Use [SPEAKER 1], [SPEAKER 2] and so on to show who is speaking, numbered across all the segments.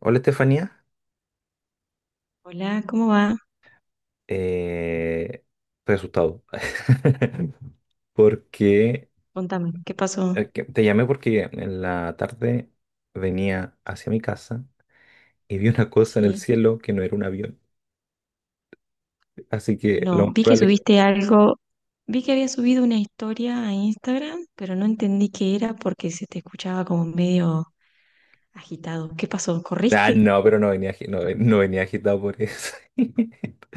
[SPEAKER 1] Hola Estefanía.
[SPEAKER 2] Hola, ¿cómo va?
[SPEAKER 1] Eh, Estoy asustado porque
[SPEAKER 2] Contame, ¿qué pasó?
[SPEAKER 1] te llamé porque en la tarde venía hacia mi casa y vi una cosa en el
[SPEAKER 2] Sí,
[SPEAKER 1] cielo que no era un avión, así que lo
[SPEAKER 2] no,
[SPEAKER 1] más
[SPEAKER 2] vi que
[SPEAKER 1] probable...
[SPEAKER 2] subiste algo, vi que había subido una historia a Instagram, pero no entendí qué era porque se te escuchaba como medio agitado. ¿Qué pasó?
[SPEAKER 1] Ah,
[SPEAKER 2] ¿Corriste?
[SPEAKER 1] no, pero no venía agitado por eso.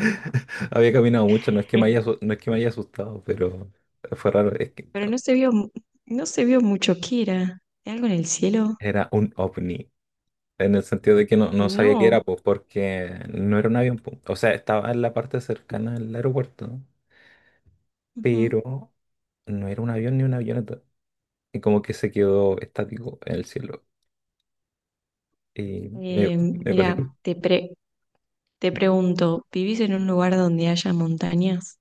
[SPEAKER 1] Había caminado mucho, no es que me haya, asu- no es que me haya asustado, pero fue raro, es que
[SPEAKER 2] Pero no se vio, no se vio mucho qué era. ¿Algo en el cielo?
[SPEAKER 1] era un ovni. En el sentido de que no sabía qué era,
[SPEAKER 2] No.
[SPEAKER 1] pues, porque no era un avión, pues. O sea, estaba en la parte cercana al aeropuerto, ¿no?
[SPEAKER 2] Ujú.
[SPEAKER 1] Pero no era un avión ni una avioneta. Y como que se quedó estático en el cielo. Y me me cosita.
[SPEAKER 2] Mira, te pregunto, ¿vivís en un lugar donde haya montañas?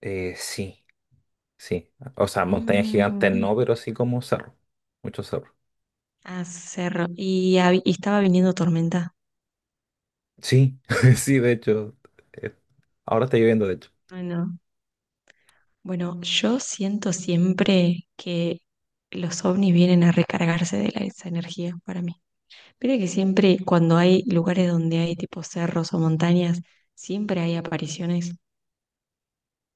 [SPEAKER 1] Sí, sí. O sea, montañas gigantes
[SPEAKER 2] Mm,
[SPEAKER 1] no, pero sí como cerro. Muchos cerros.
[SPEAKER 2] ah, cerro. ¿Y, y estaba viniendo tormenta?
[SPEAKER 1] Sí, sí, de hecho. eh, Ahora está lloviendo, de hecho.
[SPEAKER 2] Ay, no. Bueno, yo siento siempre que los ovnis vienen a recargarse de esa energía para mí. Pero que siempre cuando hay lugares donde hay tipo cerros o montañas, siempre hay apariciones.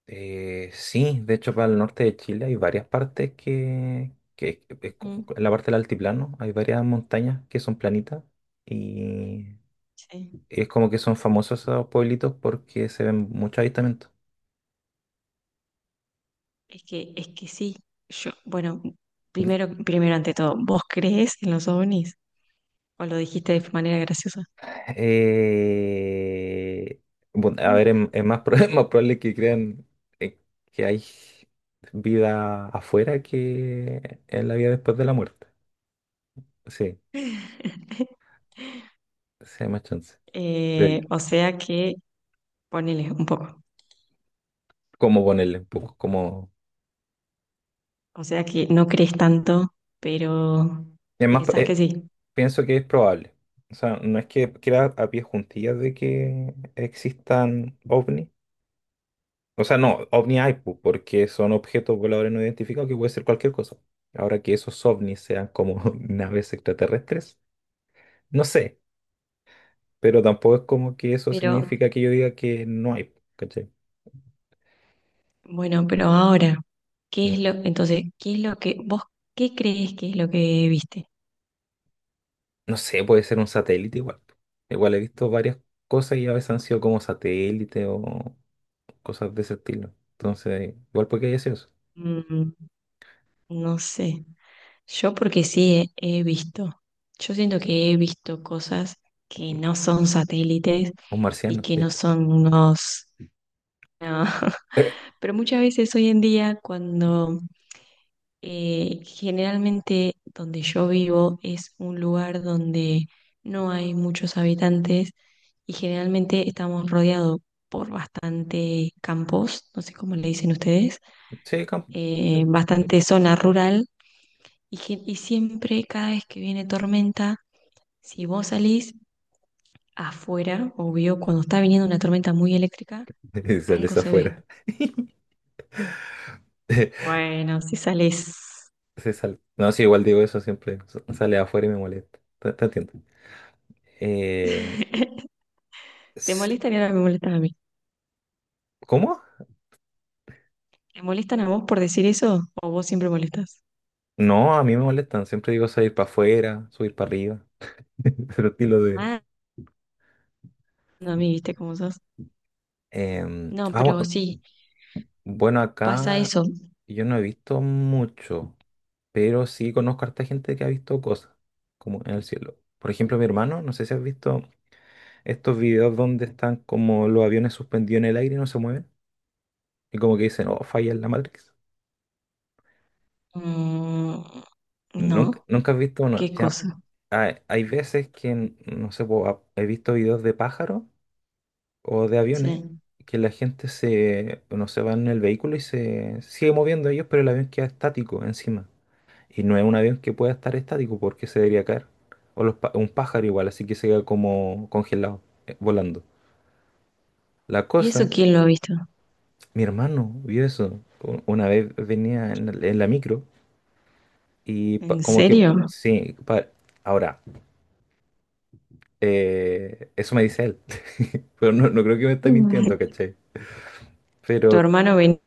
[SPEAKER 1] Sí, de hecho para el norte de Chile hay varias partes que es como-
[SPEAKER 2] Ujú.
[SPEAKER 1] en la parte del altiplano hay varias montañas que son planitas y
[SPEAKER 2] Sí.
[SPEAKER 1] es como que son famosos esos pueblitos porque se ven muchos avistamientos.
[SPEAKER 2] Es que, sí. Yo, bueno, primero, ante todo, ¿vos crees en los ovnis? ¿O lo dijiste de manera graciosa?
[SPEAKER 1] Eh, bueno, a
[SPEAKER 2] Mm.
[SPEAKER 1] ver, es más probable que crean eh, que hay vida afuera que en la vida después de la muerte. Sí, sí hay más chance, creo yo.
[SPEAKER 2] O sea que ponele un poco.
[SPEAKER 1] ¿Cómo ponerle? Un poco como...
[SPEAKER 2] O sea que no crees tanto, pero
[SPEAKER 1] Es más,
[SPEAKER 2] pensás que
[SPEAKER 1] eh,
[SPEAKER 2] sí.
[SPEAKER 1] Pienso que es probable. O sea, no es que queda a pie juntillas de que existan ovnis. O sea, no, ovni hay, pu, porque son objetos voladores no identificados que puede ser cualquier cosa. Ahora que esos ovnis sean como naves extraterrestres, no sé, pero tampoco es como que eso
[SPEAKER 2] Pero
[SPEAKER 1] significa que yo diga que no hay, pu, ¿cachai?
[SPEAKER 2] bueno, pero ahora, ¿qué
[SPEAKER 1] Mm.
[SPEAKER 2] es lo, entonces, qué es lo que vos, qué crees que es lo que viste?
[SPEAKER 1] No sé, puede ser un satélite igual, pu. Igual he visto varias cosas y a veces han sido como satélites o cosas de ese estilo. Entonces, igual puede que haya sido eso.
[SPEAKER 2] Mm, no sé. Yo porque sí he visto. Yo siento que he visto cosas que no son satélites
[SPEAKER 1] Un
[SPEAKER 2] y
[SPEAKER 1] marciano,
[SPEAKER 2] que no
[SPEAKER 1] ¿viste?
[SPEAKER 2] son unos... no. Pero muchas veces hoy en día cuando generalmente donde yo vivo es un lugar donde no hay muchos habitantes y generalmente estamos rodeados por bastante campos, no sé cómo le dicen ustedes,
[SPEAKER 1] Sí, campo.
[SPEAKER 2] bastante zona rural y, y siempre cada vez que viene tormenta, si vos salís afuera, obvio, cuando está viniendo una tormenta muy eléctrica,
[SPEAKER 1] Y
[SPEAKER 2] algo
[SPEAKER 1] sales
[SPEAKER 2] se ve.
[SPEAKER 1] afuera.
[SPEAKER 2] Bueno, si salís...
[SPEAKER 1] No, sí, igual digo eso siempre. Sale afuera y me molesta. Te entiendo. Eh,
[SPEAKER 2] ¿Te
[SPEAKER 1] s-
[SPEAKER 2] molestan y ahora me molestan a mí?
[SPEAKER 1] ¿Cómo?
[SPEAKER 2] ¿Te molestan a vos por decir eso? ¿O vos siempre molestas?
[SPEAKER 1] No, a mí me molestan. Siempre digo salir para afuera, subir para arriba. Pero estilo de.
[SPEAKER 2] Ah, no, a mí, viste cómo sos.
[SPEAKER 1] Em,
[SPEAKER 2] No,
[SPEAKER 1] ah,
[SPEAKER 2] pero
[SPEAKER 1] bu-
[SPEAKER 2] sí,
[SPEAKER 1] bueno,
[SPEAKER 2] pasa
[SPEAKER 1] acá
[SPEAKER 2] eso.
[SPEAKER 1] yo no he visto mucho. Pero sí conozco a harta gente que ha visto cosas, como en el cielo. Por ejemplo, mi hermano, no sé si has visto estos videos donde están como los aviones suspendidos en el aire y no se mueven. Y como que dicen, oh, falla en la Matrix.
[SPEAKER 2] Mm,
[SPEAKER 1] Nunca,
[SPEAKER 2] no,
[SPEAKER 1] nunca has visto una.
[SPEAKER 2] qué
[SPEAKER 1] Ya,
[SPEAKER 2] cosa.
[SPEAKER 1] hay veces que, no sé, po, he visto videos de pájaros o de aviones
[SPEAKER 2] Sí.
[SPEAKER 1] que la gente se, no se va en el vehículo y se sigue moviendo ellos, pero el avión queda estático encima. Y no es un avión que pueda estar estático porque se debería caer. O los, un pájaro igual, así que se queda como congelado, volando. La
[SPEAKER 2] ¿Y eso
[SPEAKER 1] cosa,
[SPEAKER 2] quién lo ha visto?
[SPEAKER 1] mi hermano vio eso. Una vez venía en la micro. Y pa-
[SPEAKER 2] ¿En
[SPEAKER 1] como que,
[SPEAKER 2] serio?
[SPEAKER 1] sí, pa- ahora, eso me dice él, pero no, no creo que me esté
[SPEAKER 2] Mm.
[SPEAKER 1] mintiendo, ¿cachai? Pero
[SPEAKER 2] ¿Tu hermano venía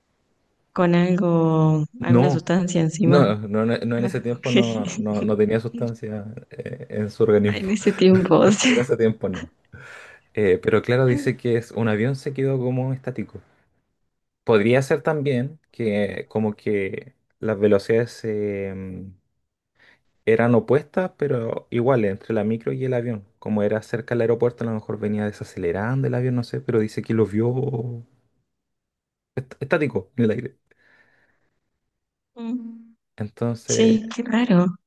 [SPEAKER 2] con algo, alguna
[SPEAKER 1] no,
[SPEAKER 2] sustancia encima?
[SPEAKER 1] no, en ese
[SPEAKER 2] Ah,
[SPEAKER 1] tiempo
[SPEAKER 2] ok.
[SPEAKER 1] no, no tenía sustancia en su organismo,
[SPEAKER 2] En ese tiempo, o
[SPEAKER 1] en
[SPEAKER 2] sea.
[SPEAKER 1] ese tiempo no. Pero claro, dice que es, un avión se quedó como estático. Podría ser también que como que las velocidades eran opuestas, pero iguales, entre la micro y el avión. Como era cerca del aeropuerto, a lo mejor venía desacelerando el avión, no sé, pero dice que lo vio estático en el aire.
[SPEAKER 2] Mm.
[SPEAKER 1] Entonces,
[SPEAKER 2] Sí, qué raro.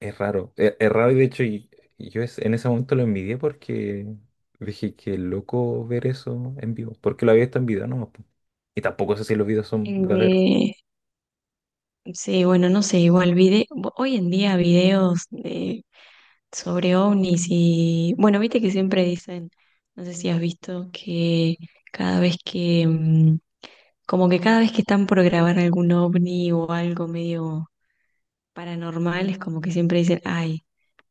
[SPEAKER 1] es raro. Es raro y de hecho, y yo en ese momento lo envidié porque dije que loco ver eso en vivo. Porque lo había visto en video nomás, po. Y tampoco sé si los videos son verdaderos.
[SPEAKER 2] Eh, sí, bueno, no sé, hoy en día videos de sobre ovnis y bueno, viste que siempre dicen, no sé si has visto que cada vez que, mm, como que cada vez que están por grabar algún ovni o algo medio paranormal, es como que siempre dicen, ay,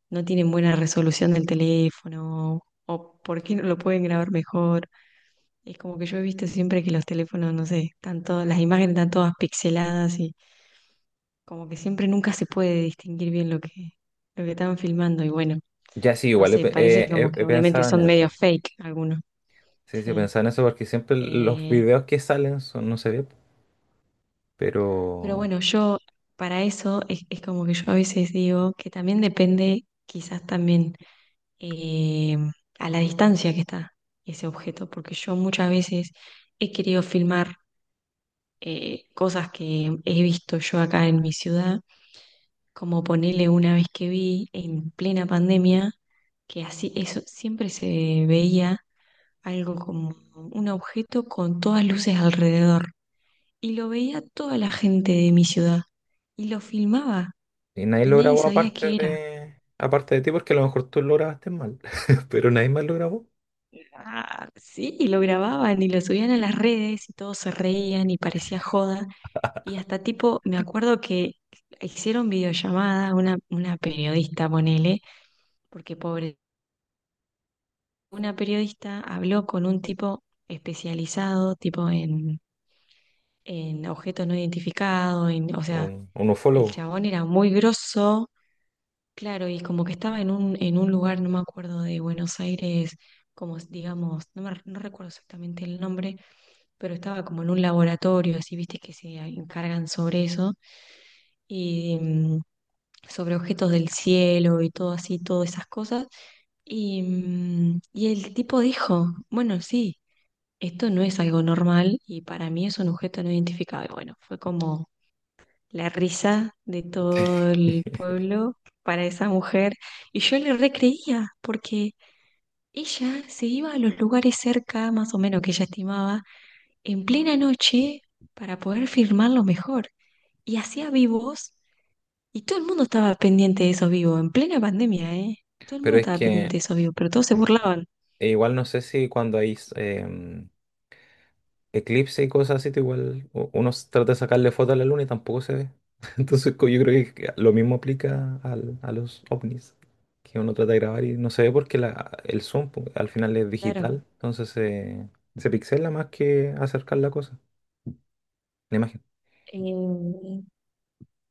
[SPEAKER 2] no tienen buena resolución del teléfono o por qué no lo pueden grabar mejor. Es como que yo he visto siempre que los teléfonos, no sé, están todas, las imágenes están todas pixeladas y como que siempre nunca se puede distinguir bien lo que están filmando y bueno.
[SPEAKER 1] Ya sí,
[SPEAKER 2] No
[SPEAKER 1] igual he,
[SPEAKER 2] sé,
[SPEAKER 1] pe- he-
[SPEAKER 2] parece como
[SPEAKER 1] he-
[SPEAKER 2] que
[SPEAKER 1] he
[SPEAKER 2] obviamente
[SPEAKER 1] pensado en
[SPEAKER 2] son medio
[SPEAKER 1] eso.
[SPEAKER 2] fake algunos.
[SPEAKER 1] Sí, sí, he
[SPEAKER 2] Sí.
[SPEAKER 1] pensado en eso porque siempre los
[SPEAKER 2] Eh,
[SPEAKER 1] videos que salen son, no se ve, po.
[SPEAKER 2] pero
[SPEAKER 1] Pero
[SPEAKER 2] bueno, yo para eso es como que yo a veces digo que también depende quizás también eh, a la distancia que está ese objeto, porque yo muchas veces he querido filmar cosas que he visto yo acá en mi ciudad, como ponerle una vez que vi en plena pandemia, que así eso siempre se veía algo como un objeto con todas luces alrededor. Y lo veía toda la gente de mi ciudad. Y lo filmaba
[SPEAKER 1] y nadie
[SPEAKER 2] y
[SPEAKER 1] lo
[SPEAKER 2] nadie
[SPEAKER 1] grabó
[SPEAKER 2] sabía qué era.
[SPEAKER 1] aparte de ti, porque a lo mejor tú lo grabaste mal, pero nadie más lo grabó.
[SPEAKER 2] Ah, sí, y lo grababan y lo subían a las redes y todos se reían y parecía joda. Y hasta tipo, me acuerdo que hicieron videollamada, una periodista, ponele, porque pobre, una periodista habló con un tipo especializado, tipo en objetos no identificados, en, o sea,
[SPEAKER 1] Un
[SPEAKER 2] el
[SPEAKER 1] ufólogo.
[SPEAKER 2] chabón era muy grosso, claro, y como que estaba en un lugar, no me acuerdo, de Buenos Aires, digamos, no, me, no recuerdo exactamente el nombre, pero estaba como en un laboratorio, así, viste, que se encargan sobre eso, y mm, sobre objetos del cielo y todo así, todas esas cosas. Y, mm, y el tipo dijo, bueno, sí, esto no es algo normal y para mí es un objeto no identificado. Y bueno, fue como la risa de todo el pueblo para esa mujer. Y yo le recreía, porque ella se iba a los lugares cerca, más o menos que ella estimaba, en plena noche para poder firmarlo mejor. Y hacía vivos, y todo el mundo estaba pendiente de esos vivos, en plena pandemia, ¿eh? Todo el mundo
[SPEAKER 1] Pero es
[SPEAKER 2] estaba pendiente
[SPEAKER 1] que
[SPEAKER 2] de esos vivos, pero todos se burlaban.
[SPEAKER 1] e igual no sé si cuando hay eclipse y cosas así, tú igual uno trata de sacarle foto a la luna y tampoco se ve. Entonces yo creo que lo mismo aplica a los ovnis, que uno trata de grabar y no se ve porque la, el zoom pu, al final es
[SPEAKER 2] Claro.
[SPEAKER 1] digital, entonces se pixela más que acercar la cosa, la imagen.
[SPEAKER 2] Eh,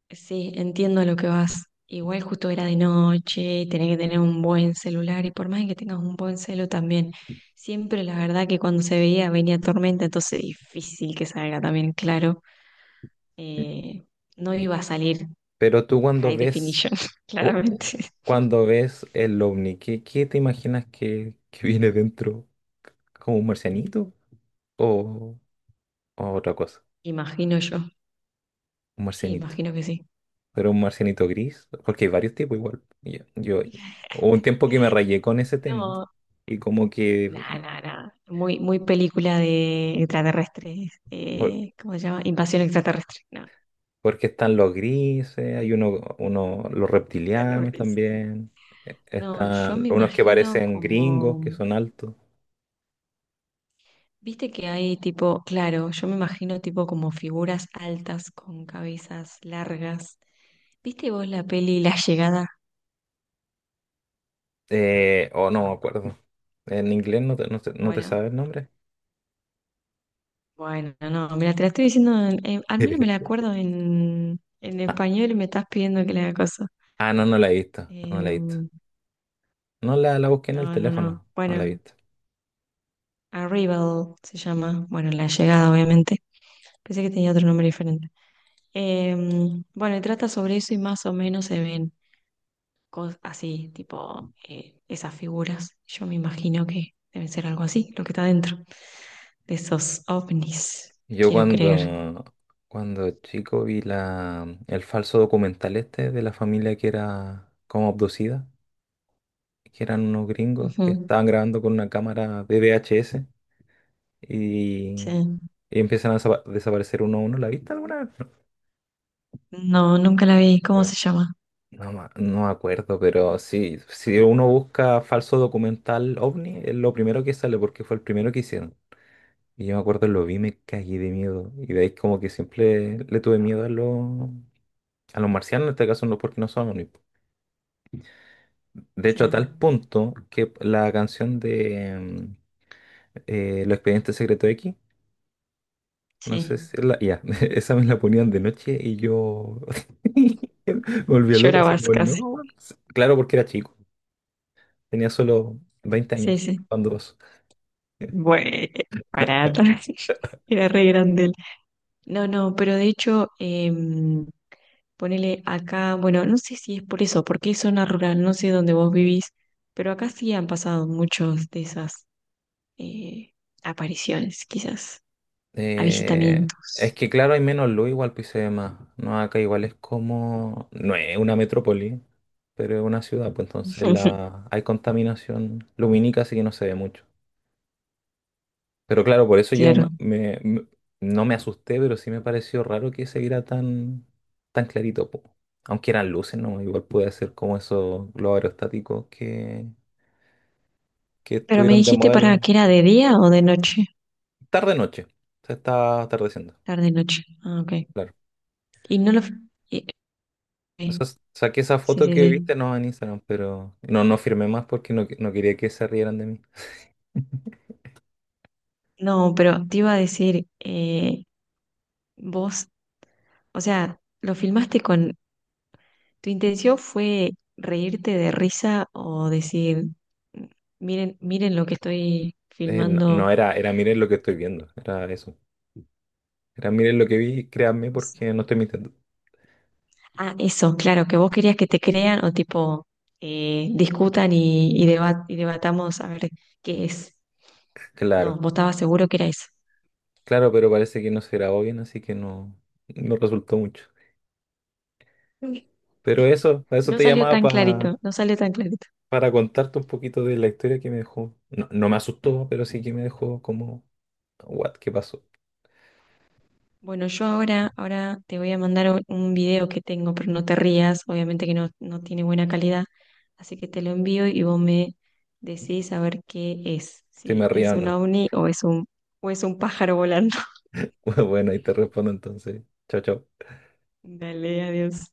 [SPEAKER 2] sí, entiendo a lo que vas. Igual justo era de noche, tenés que tener un buen celular y por más que tengas un buen celu también, siempre la verdad que cuando se veía venía tormenta, entonces difícil que salga también, claro.
[SPEAKER 1] Y-
[SPEAKER 2] Eh, no
[SPEAKER 1] y-
[SPEAKER 2] iba a salir
[SPEAKER 1] Pero tú cuando
[SPEAKER 2] high
[SPEAKER 1] ves
[SPEAKER 2] definition,
[SPEAKER 1] Cu- cu-
[SPEAKER 2] claramente.
[SPEAKER 1] cuando ves el ovni, ¿qué te imaginas que viene dentro? ¿Como un marcianito o, o otra cosa?
[SPEAKER 2] Imagino yo.
[SPEAKER 1] Un
[SPEAKER 2] Sí,
[SPEAKER 1] marcianito.
[SPEAKER 2] imagino que sí.
[SPEAKER 1] Pero un marcianito gris, porque hay varios tipos igual. Hubo un tiempo que me rayé con ese tema
[SPEAKER 2] No,
[SPEAKER 1] y como
[SPEAKER 2] nada,
[SPEAKER 1] que,
[SPEAKER 2] nada, nada. Muy, muy película de extraterrestres.
[SPEAKER 1] por-
[SPEAKER 2] ¿Cómo se llama? Invasión extraterrestre. No,
[SPEAKER 1] porque están los grises, hay uno, los
[SPEAKER 2] de los
[SPEAKER 1] reptilianos
[SPEAKER 2] grises.
[SPEAKER 1] también,
[SPEAKER 2] No, yo
[SPEAKER 1] están
[SPEAKER 2] me
[SPEAKER 1] unos que
[SPEAKER 2] imagino
[SPEAKER 1] parecen gringos,
[SPEAKER 2] como,
[SPEAKER 1] que son altos,
[SPEAKER 2] viste que hay tipo, claro, yo me imagino tipo como figuras altas con cabezas largas. ¿Viste vos la peli La Llegada?
[SPEAKER 1] o no me acuerdo. En inglés no te, no te, no te
[SPEAKER 2] Bueno,
[SPEAKER 1] sabe el nombre.
[SPEAKER 2] bueno, no, mira, te la estoy diciendo, al menos me la acuerdo en
[SPEAKER 1] Ah,
[SPEAKER 2] español y me estás pidiendo que la haga cosa.
[SPEAKER 1] ah, no, no la he visto, no, no la he visto.
[SPEAKER 2] Em,
[SPEAKER 1] No la, la busqué en el
[SPEAKER 2] no.
[SPEAKER 1] teléfono, no la he
[SPEAKER 2] Bueno,
[SPEAKER 1] visto.
[SPEAKER 2] Arrival se llama, bueno, La Llegada, obviamente. Pensé que tenía otro nombre diferente. Em, bueno, y trata sobre eso y más o menos se ven. Así, tipo esas figuras. Yo me imagino que deben ser algo así, lo que está dentro de esos ovnis,
[SPEAKER 1] Yo
[SPEAKER 2] quiero creer.
[SPEAKER 1] cuando, Cuando chico vi la, el falso documental este de la familia que era como abducida, que eran unos gringos que
[SPEAKER 2] Ujú,
[SPEAKER 1] estaban grabando con una cámara de VHS y,
[SPEAKER 2] sí.
[SPEAKER 1] y empiezan a desaparecer uno a uno. ¿La viste alguna vez?
[SPEAKER 2] No, nunca la vi. ¿Cómo se llama?
[SPEAKER 1] No, no, me no me acuerdo, pero sí, si uno busca falso documental ovni, es lo primero que sale porque fue el primero que hicieron. Y yo me acuerdo, lo vi, me cagué de miedo. Y de ahí como que siempre le tuve miedo a los marcianos, en este caso no porque no son omnípodos. De
[SPEAKER 2] Sí,
[SPEAKER 1] hecho, a tal punto que la canción de Los Expedientes Secretos X, no sé si es
[SPEAKER 2] sí.
[SPEAKER 1] la... Ya, esa me la ponían de noche y yo me volvía loco, así
[SPEAKER 2] Llorabas
[SPEAKER 1] como,
[SPEAKER 2] casi.
[SPEAKER 1] no. Claro, porque era chico, tenía solo 20
[SPEAKER 2] Sí,
[SPEAKER 1] años
[SPEAKER 2] sí.
[SPEAKER 1] cuando pasó.
[SPEAKER 2] Bueno, parada. Era re grande él. No, no, pero de hecho, em, ponele acá, bueno, no sé si es por eso, porque es zona rural, no sé dónde vos vivís, pero acá sí han pasado muchos de esas eh, apariciones, quizás,
[SPEAKER 1] Eh, es
[SPEAKER 2] avistamientos.
[SPEAKER 1] que claro, hay menos luz, igual pues, y se ve más. No, acá igual es como. No es una metrópoli, pero es una ciudad, pues entonces la... hay contaminación lumínica, así que no se ve mucho. Pero claro, por eso yo me,
[SPEAKER 2] Claro.
[SPEAKER 1] me- me- no me asusté, pero sí me pareció raro que se viera tan, tan clarito, po. Aunque eran luces, ¿no? Igual puede ser como esos globos aerostáticos que
[SPEAKER 2] Pero me
[SPEAKER 1] estuvieron de
[SPEAKER 2] dijiste para
[SPEAKER 1] modelo
[SPEAKER 2] que era de día o de noche,
[SPEAKER 1] tarde noche. Se está atardeciendo.
[SPEAKER 2] tarde noche. Ah, ok.
[SPEAKER 1] Claro.
[SPEAKER 2] Y no lo. y-
[SPEAKER 1] O
[SPEAKER 2] ok.
[SPEAKER 1] sea, saqué esa
[SPEAKER 2] Sí,
[SPEAKER 1] foto
[SPEAKER 2] sí,
[SPEAKER 1] que
[SPEAKER 2] sí.
[SPEAKER 1] viste no en Instagram, pero no, no firmé más porque no, no quería que se rieran de mí.
[SPEAKER 2] No, pero te iba a decir, vos, o sea, lo filmaste con. ¿Tu intención fue reírte de risa o decir, miren, miren lo que estoy
[SPEAKER 1] No,
[SPEAKER 2] filmando?
[SPEAKER 1] era miren lo que estoy
[SPEAKER 2] eh,
[SPEAKER 1] viendo, era eso. Era miren lo que vi, créanme
[SPEAKER 2] O sea,
[SPEAKER 1] porque no estoy mintiendo.
[SPEAKER 2] ah, eso, claro, que vos querías que te crean o tipo discutan y, y debatamos a ver qué es. No,
[SPEAKER 1] Claro,
[SPEAKER 2] vos estabas seguro que era eso.
[SPEAKER 1] claro, pero parece que no se grabó bien, así que no, no resultó mucho. Pero eso, para eso
[SPEAKER 2] No
[SPEAKER 1] te
[SPEAKER 2] salió
[SPEAKER 1] llamaba
[SPEAKER 2] tan clarito, no salió tan clarito.
[SPEAKER 1] para contarte un poquito de la historia que me dejó. No, no me asustó, pero sí que me dejó como, what, ¿qué pasó?
[SPEAKER 2] Bueno, yo ahora, ahora te voy a mandar un video que tengo, pero no te rías, obviamente que no, no tiene buena calidad, así que te lo envío y vos me decís a ver qué es,
[SPEAKER 1] Si me
[SPEAKER 2] si
[SPEAKER 1] río
[SPEAKER 2] es
[SPEAKER 1] o
[SPEAKER 2] un
[SPEAKER 1] no.
[SPEAKER 2] ovni o es un pájaro volando.
[SPEAKER 1] Bueno, ahí te respondo entonces. Chao, chao.
[SPEAKER 2] Dale, adiós.